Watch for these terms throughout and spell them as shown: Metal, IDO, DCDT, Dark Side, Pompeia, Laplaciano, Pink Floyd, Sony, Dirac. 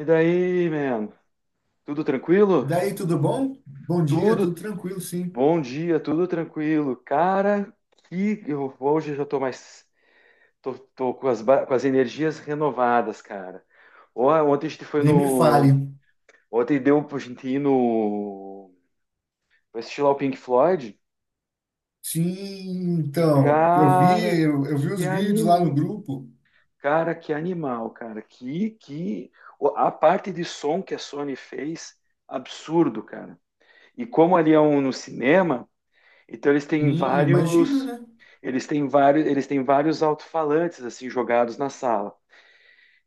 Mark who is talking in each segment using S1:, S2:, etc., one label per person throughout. S1: E daí, man? Tudo tranquilo?
S2: Daí, tudo bom? Bom dia, tudo
S1: Tudo.
S2: tranquilo, sim.
S1: Bom dia, tudo tranquilo. Cara, que eu hoje eu já tô mais tô, tô com as energias renovadas, cara. Ó, ontem a gente foi
S2: Nem me fale.
S1: no, ontem deu pra gente ir no pra assistir lá o Pink Floyd.
S2: Sim, então, eu vi,
S1: Cara,
S2: eu vi
S1: que
S2: os vídeos lá no
S1: anim...
S2: grupo.
S1: cara, que animal, cara. Que a parte de som que a Sony fez, absurdo, cara. E como ali é um no cinema. Então
S2: Sim, imagina, né?
S1: eles têm vários alto-falantes assim jogados na sala.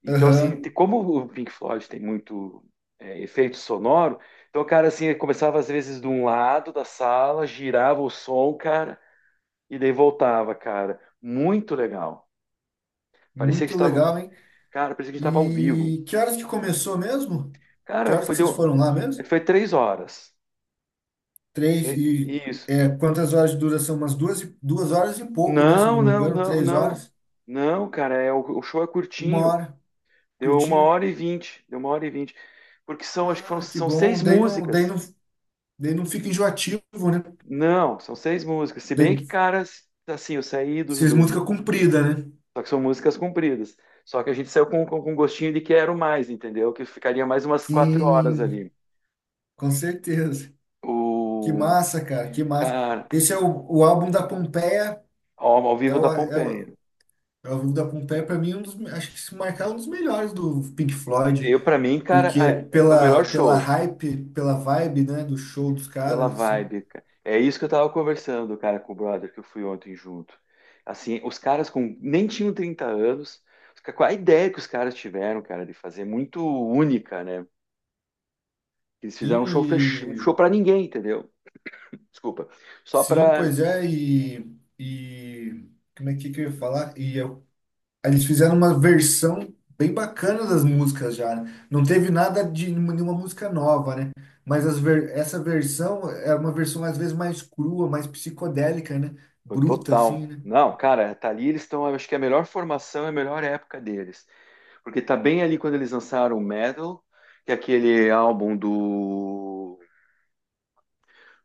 S1: Então assim,
S2: Aham,
S1: como o Pink Floyd tem muito efeito sonoro, então o cara assim começava às vezes de um lado da sala, girava o som, cara, e daí voltava, cara. Muito legal. Parecia que
S2: muito
S1: estava,
S2: legal, hein?
S1: cara, parecia que estava ao vivo.
S2: E que horas que começou mesmo? Que
S1: Cara,
S2: horas que vocês foram lá mesmo?
S1: foi 3 horas.
S2: Três e
S1: Isso.
S2: é, quantas horas de duração? Umas duas, duas horas e pouco, né? Se eu
S1: Não,
S2: não me
S1: não,
S2: engano,
S1: não,
S2: três
S1: não.
S2: horas,
S1: Não, cara, o show é
S2: uma
S1: curtinho.
S2: hora,
S1: Deu uma
S2: curtinho.
S1: hora e vinte. Deu 1h20. Porque são, acho que foram,
S2: Ah, que
S1: são
S2: bom.
S1: seis músicas.
S2: Daí não fica enjoativo, né?
S1: Não, são seis músicas. Se bem que,
S2: Daí
S1: cara, assim, eu saí
S2: vocês música comprida, né?
S1: só que são músicas compridas. Só que a gente saiu com gostinho de quero mais, entendeu? Que ficaria mais umas 4 horas
S2: Sim,
S1: ali.
S2: com certeza. Que
S1: O.
S2: massa, cara, que massa.
S1: Cara,
S2: Esse é o álbum da Pompeia.
S1: ao
S2: É
S1: vivo da Pompeia.
S2: é o álbum da Pompeia, para mim, um dos, acho que se marcar um dos melhores do Pink Floyd,
S1: Eu, pra mim, cara,
S2: porque
S1: é o
S2: pela,
S1: melhor
S2: pela
S1: show.
S2: hype, pela vibe, né, do show dos
S1: Pela
S2: caras, assim.
S1: vibe, cara. É isso que eu tava conversando, cara, com o brother que eu fui ontem junto. Assim, os caras com nem tinham 30 anos. Qual a ideia que os caras tiveram, cara, de fazer muito única, né? Eles
S2: Sim,
S1: fizeram um show
S2: e-
S1: para ninguém, entendeu? Desculpa. Só
S2: sim,
S1: para
S2: pois é, e como é que eu ia falar? E eu eles fizeram uma versão bem bacana das músicas já, né? Não teve nada de nenhuma música nova, né? Mas as ver- essa versão é uma versão às vezes mais crua, mais psicodélica, né? Bruta, assim,
S1: total.
S2: né?
S1: Não, cara, tá ali eles estão, acho que é a melhor formação, é a melhor época deles, porque tá bem ali quando eles lançaram o Metal, que é aquele álbum do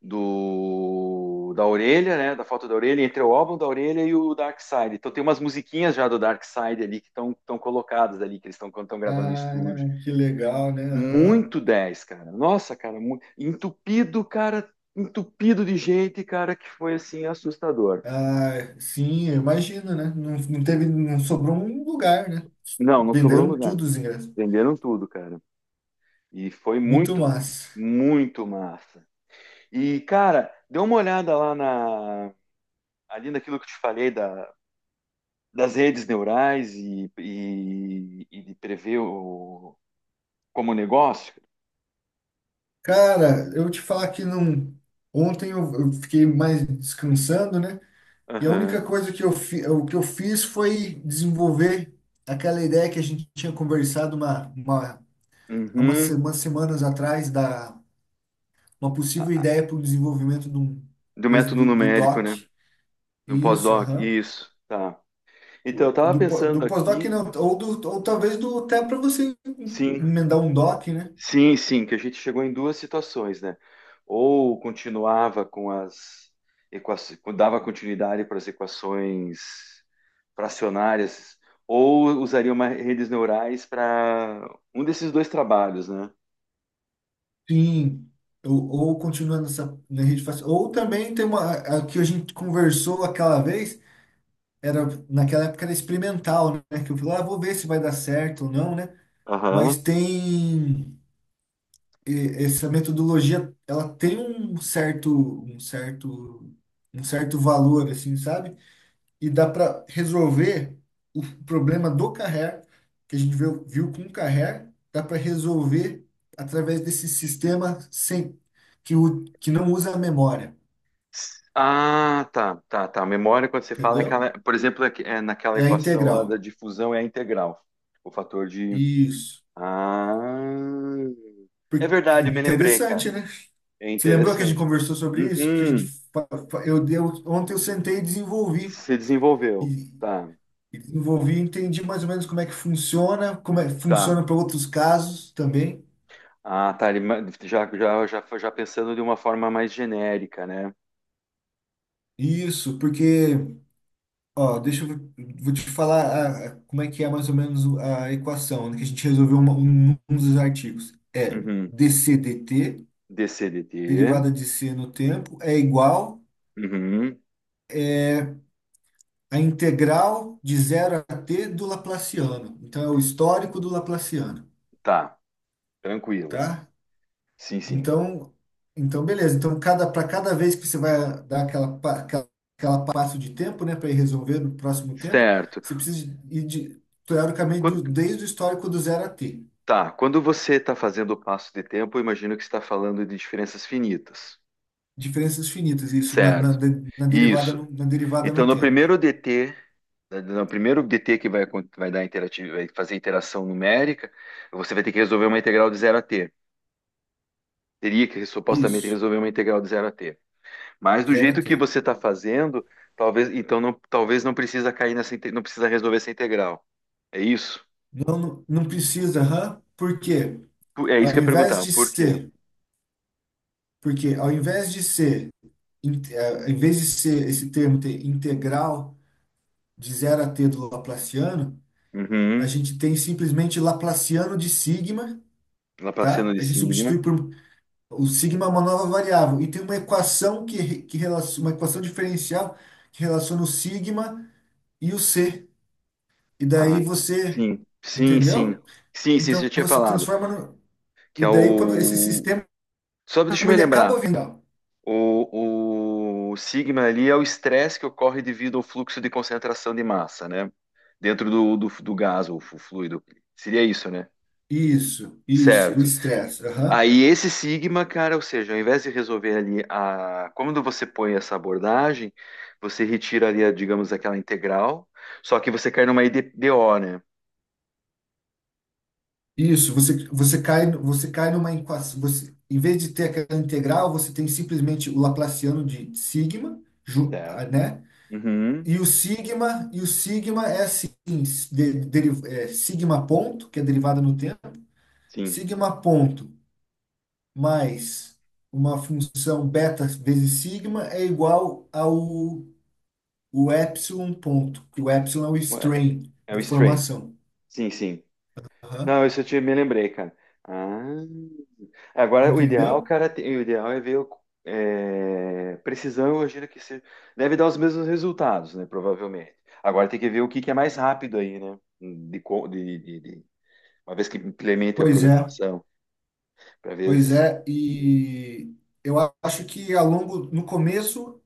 S1: do da orelha, né? Da foto da orelha, entre o álbum da orelha e o Dark Side. Então tem umas musiquinhas já do Dark Side ali que estão colocadas ali, que eles estão quando estão gravando em
S2: Ah,
S1: estúdio.
S2: que legal, né? Aham.
S1: Muito 10 cara. Nossa, cara, muito entupido, cara, entupido de gente, cara, que foi assim assustador.
S2: Ah, sim, eu imagino, né? Não, não teve, não sobrou um lugar, né?
S1: Não, não sobrou
S2: Venderam
S1: lugar.
S2: tudo os ingressos.
S1: Venderam tudo, cara. E foi
S2: Muito
S1: muito,
S2: massa.
S1: muito massa. E, cara, dê uma olhada lá na. Ali naquilo que eu te falei da, das redes neurais e de prever o, como negócio?
S2: Cara, eu te falar que não. Ontem eu, fiquei mais descansando, né? E a única
S1: Aham.
S2: coisa que eu, fi, o que eu fiz foi desenvolver aquela ideia que a gente tinha conversado há umas se-
S1: Uhum.
S2: umas semanas atrás, da uma possível ideia para o desenvolvimento de um,
S1: Do
S2: coisa
S1: método
S2: do, do
S1: numérico,
S2: doc.
S1: né? Do
S2: Isso,
S1: pós-doc.
S2: aham.
S1: Isso, tá.
S2: O-
S1: Então, eu estava
S2: Do, po- do
S1: pensando
S2: pós-doc
S1: aqui,
S2: não, ou, do, ou talvez do até para você
S1: sim,
S2: emendar um doc, né?
S1: sim, sim, que a gente chegou em duas situações, né? Ou continuava com as equações, dava continuidade para as equações fracionárias, ou usaria uma redes neurais para um desses dois trabalhos, né?
S2: Sim. Ou continuando essa na rede fácil. Ou também tem uma a que a gente conversou aquela vez era naquela época era experimental, né? Que eu falei, ah, vou ver se vai dar certo ou não, né? Mas
S1: Aham.
S2: tem e- essa metodologia, ela tem um certo, um certo valor, assim, sabe? E dá para resolver o problema do carrer, que a gente viu, com o carrer, dá para resolver através desse sistema sem que, o, que não usa a memória,
S1: Ah, tá, tá, tá. Memória, quando você fala, é aquela,
S2: entendeu?
S1: por exemplo, é naquela
S2: É a
S1: equação lá
S2: integral.
S1: da difusão é a integral. O fator de.
S2: Isso.
S1: Ah, é
S2: Por- é
S1: verdade, eu me lembrei, cara.
S2: interessante, né?
S1: É
S2: Você lembrou que a gente
S1: interessante.
S2: conversou sobre isso? Que a gente
S1: Uhum,
S2: fa- eu deu ontem eu sentei e desenvolvi
S1: se desenvolveu.
S2: e,
S1: Tá,
S2: desenvolvi, e entendi mais ou menos como é que funciona, como é que
S1: tá.
S2: funciona para outros casos também.
S1: Ah, tá. Já, já, já, já pensando de uma forma mais genérica, né?
S2: Isso, porque ó, deixa eu vou te falar a- como é que é mais ou menos a equação né, que a gente resolveu uma- um dos artigos. É
S1: Uhum.
S2: dc dt,
S1: DCDT.
S2: derivada de c no tempo, é igual
S1: Uhum.
S2: à integral de zero a t do Laplaciano. Então é o histórico do Laplaciano.
S1: Tá, tranquilo.
S2: Tá?
S1: Sim, sim.
S2: Então, então beleza. Então, cada, para cada vez que você vai dar aquela, pa- aquela, aquela passo de tempo, né, para ir resolver no próximo tempo,
S1: Certo.
S2: você precisa ir de, teoricamente do, desde o histórico do zero a t.
S1: Tá, quando você está fazendo o passo de tempo, eu imagino que está falando de diferenças finitas,
S2: Diferenças finitas, isso, na,
S1: certo?
S2: de-
S1: Isso.
S2: na derivada
S1: Então,
S2: no
S1: no
S2: tempo.
S1: primeiro DT, no primeiro DT que vai, vai fazer interação numérica, você vai ter que resolver uma integral de zero a t. Teria que supostamente
S2: Isso,
S1: resolver uma integral de zero a t. Mas do
S2: zero a
S1: jeito que
S2: t.
S1: você está fazendo, talvez, então não, talvez não precisa cair não precisa resolver essa integral. É isso?
S2: Não, não não precisa, hã? Por quê?
S1: É isso que
S2: Ao
S1: eu ia
S2: invés
S1: perguntar.
S2: de
S1: Por quê?
S2: ser, porque ao invés de ser in- eh, em vez de ser esse termo ter integral de zero a t do Laplaciano, a
S1: Uhum.
S2: gente tem simplesmente Laplaciano de sigma,
S1: Laplaciano
S2: tá?
S1: de
S2: A gente substitui
S1: sigma.
S2: por o sigma é uma nova variável e tem uma equação que, relaciona, uma equação diferencial que relaciona o sigma e o c. E
S1: Ah,
S2: daí você,
S1: sim, sim, sim.
S2: entendeu?
S1: Sim, sim, você
S2: Então
S1: já tinha
S2: você
S1: falado.
S2: transforma no,
S1: Que
S2: e
S1: é
S2: daí quando esse
S1: o.
S2: sistema
S1: Só deixa eu me
S2: ele
S1: lembrar.
S2: acaba vindo.
S1: O sigma ali é o estresse que ocorre devido ao fluxo de concentração de massa, né? Dentro do gás ou fluido. Seria isso, né?
S2: Isso, o
S1: Certo.
S2: estresse. Aham.
S1: Aí esse sigma, cara, ou seja, ao invés de resolver ali a. Quando você põe essa abordagem, você retira ali, a, digamos, aquela integral, só que você cai numa IDO, né?
S2: Isso, você, você cai numa equação, você, em vez de ter aquela integral, você tem simplesmente o Laplaciano de sigma, ju-
S1: Certo.
S2: ah, né?
S1: Uhum,
S2: E o sigma, é assim, s- de- deri- é, sigma ponto, que é derivada no tempo,
S1: sim.
S2: sigma ponto mais uma função beta vezes sigma é igual ao o epsilon ponto, que o epsilon é o
S1: É
S2: strain,
S1: é o Stray.
S2: deformação.
S1: Sim, sim.
S2: Aham,
S1: Não, isso eu te, me lembrei, cara. Ah, agora o ideal,
S2: entendeu?
S1: cara, o ideal é ver o, é, precisão, eu imagino que se, deve dar os mesmos resultados, né? Provavelmente. Agora tem que ver o que, que é mais rápido aí, né? De, co- de- uma vez que implemente a
S2: Pois é.
S1: programação, para ver
S2: Pois
S1: se,
S2: é, e eu acho que ao longo, no começo,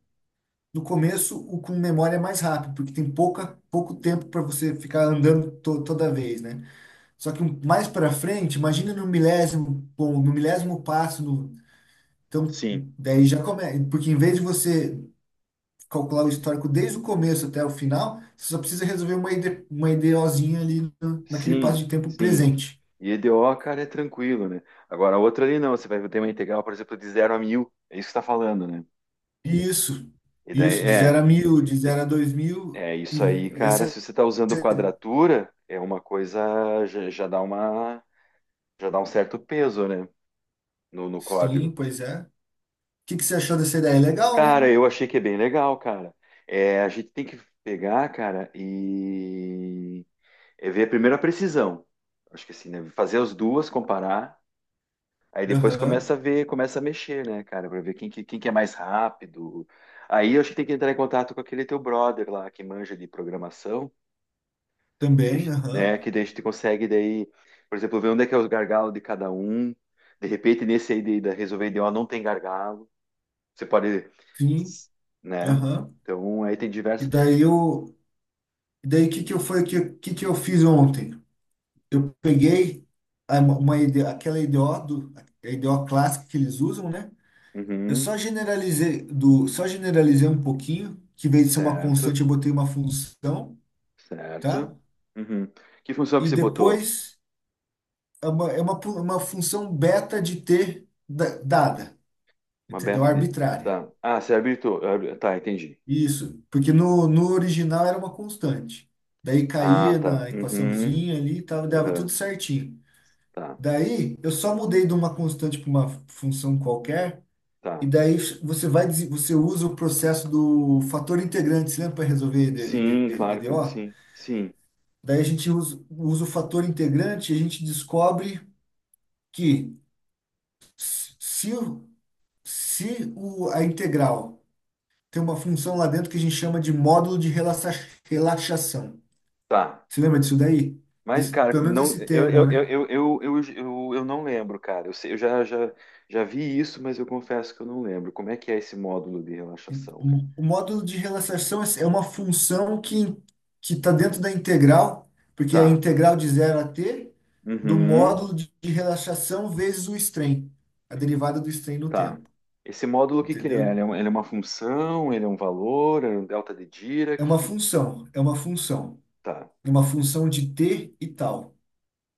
S2: o com memória é mais rápido, porque tem pouca, pouco tempo para você ficar andando to- toda vez, né? Só que um- mais para frente, imagina no milésimo, bom, no milésimo passo, no, então
S1: sim,
S2: daí já começa, porque em vez de você calcular o histórico desde o começo até o final, você só precisa resolver uma ID, uma IDOzinha ali no- naquele passo
S1: sim,
S2: de tempo
S1: sim.
S2: presente.
S1: E EDO, cara, é tranquilo, né? Agora a outra ali não, você vai ter uma integral, por exemplo, de 0 a 1000. É isso que você está falando, né?
S2: Isso,
S1: E daí
S2: isso, de zero
S1: é.
S2: a 1.000 de zero a 2.000
S1: É
S2: e
S1: isso aí, cara.
S2: essa,
S1: Se você está usando quadratura, é uma coisa já, já dá uma, já dá um certo peso, né, no, no
S2: sim,
S1: código.
S2: pois é. O que que você achou dessa ideia? Legal, né?
S1: Cara, eu achei que é bem legal, cara. É, a gente tem que pegar, cara, e é ver primeiro a precisão. Acho que assim, né, fazer as duas, comparar, aí depois
S2: Aham,
S1: começa a ver, começa a mexer, né, cara, para ver quem que é mais rápido. Aí eu acho que tem que entrar em contato com aquele teu brother lá que manja de programação. Que a
S2: também,
S1: gente,
S2: aham,
S1: né, que daí a gente consegue daí, por exemplo, ver onde é que é os gargalos de cada um. De repente, nesse aí de, da resolver de ó, não tem gargalo. Você pode,
S2: sim,
S1: né?
S2: aham.
S1: Então, aí tem
S2: E
S1: diversas.
S2: daí eu, e daí que eu foi que eu fiz ontem? Eu peguei a- uma ideia, aquela IDO do, a IDO clássica que eles usam, né? Eu
S1: Uhum,
S2: só generalizei do, só generalizei um pouquinho, que em vez de ser uma
S1: certo,
S2: constante, eu botei uma função, tá?
S1: certo. Uhum. Que função que
S2: E
S1: você botou?
S2: depois é uma, pu- uma função beta de t da- dada,
S1: Uma
S2: entendeu?
S1: beta de...
S2: Arbitrária.
S1: Tá. Ah, você habilitou. Ah, tá, entendi.
S2: Isso, porque no, no original era uma constante. Daí
S1: Ah,
S2: caía
S1: tá.
S2: na
S1: Uhum.
S2: equaçãozinha ali, tava, dava tudo
S1: Aham.
S2: certinho.
S1: Tá,
S2: Daí eu só mudei de uma constante para uma função qualquer, e
S1: tá.
S2: daí você vai, dese- você usa o processo do fator integrante, você lembra para resolver ED,
S1: Sim, claro que
S2: EDO?
S1: sim. Sim,
S2: Daí a gente usa, o fator integrante e a gente descobre que se o- se o, a integral tem uma função lá dentro que a gente chama de módulo de relaxa- relaxação.
S1: tá.
S2: Você lembra disso daí?
S1: Mas,
S2: Desse-
S1: cara,
S2: pelo menos
S1: não,
S2: esse
S1: eu,
S2: termo,
S1: eu, eu,
S2: né?
S1: eu, eu, eu, eu eu não lembro, cara. Eu, eu já, já, já vi isso, mas eu confesso que eu não lembro. Como é que é esse módulo de relaxação, cara?
S2: O, módulo de relaxação é uma função que está dentro da integral, porque é a
S1: Tá.
S2: integral de zero a t do módulo
S1: Uhum.
S2: de, relaxação vezes o strain, a derivada do strain no
S1: Tá.
S2: tempo,
S1: Esse módulo, o que que ele é?
S2: entendeu?
S1: Ele é ele é uma função, ele é um valor, é um delta de
S2: É
S1: Dirac.
S2: uma
S1: Que.
S2: função,
S1: Tá.
S2: é uma função de t e tal.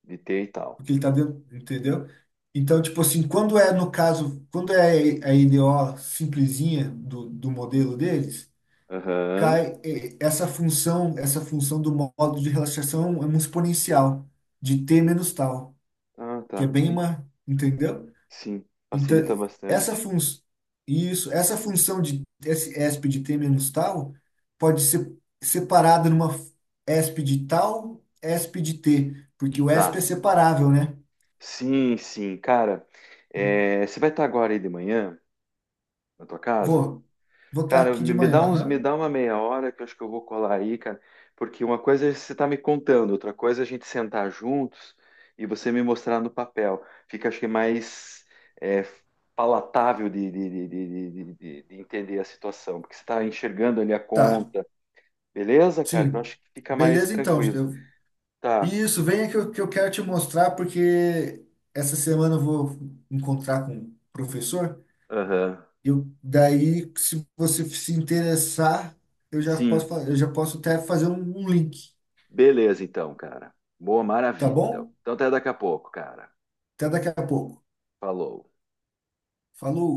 S1: De T e tal.
S2: Porque ele tá dentro, entendeu? Então, tipo assim, quando é no caso, quando é a IDO simplesinha do, do modelo deles,
S1: Aham.
S2: cai eh, essa função, do modo de relaxação é um exponencial de t menos tal,
S1: Ah,
S2: que é
S1: tá.
S2: bem uma, entendeu?
S1: Sim.
S2: Então,
S1: Facilita
S2: essa
S1: bastante.
S2: função isso, essa função de esse esp de t menos tal pode ser separada numa esp de tal, esp de t, porque o esp é
S1: Tá.
S2: separável, né?
S1: Sim, sim. Cara, é, você vai estar agora aí de manhã na tua casa?
S2: Vou. Vou estar
S1: Cara,
S2: aqui
S1: me
S2: de
S1: me dá
S2: manhã.
S1: uns, me
S2: Aham.
S1: dá uma meia hora que eu acho que eu vou colar aí, cara, porque uma coisa é você tá me contando, outra coisa é a gente sentar juntos e você me mostrar no papel. Fica, acho que, mais é, palatável de entender a situação, porque você tá enxergando ali a
S2: Tá.
S1: conta, beleza, cara? Que eu
S2: Sim.
S1: acho que fica mais
S2: Beleza, então.
S1: tranquilo.
S2: Eu...
S1: Tá,
S2: Isso, venha que eu, quero te mostrar, porque essa semana eu vou encontrar com o professor.
S1: aham.
S2: Eu, daí, se você se interessar, eu já posso,
S1: Sim,
S2: fa- eu já posso até fazer um, um link,
S1: beleza então, cara. Boa,
S2: tá
S1: maravilha então.
S2: bom?
S1: Então até daqui a pouco, cara.
S2: Até daqui a pouco.
S1: Falou.
S2: Falou.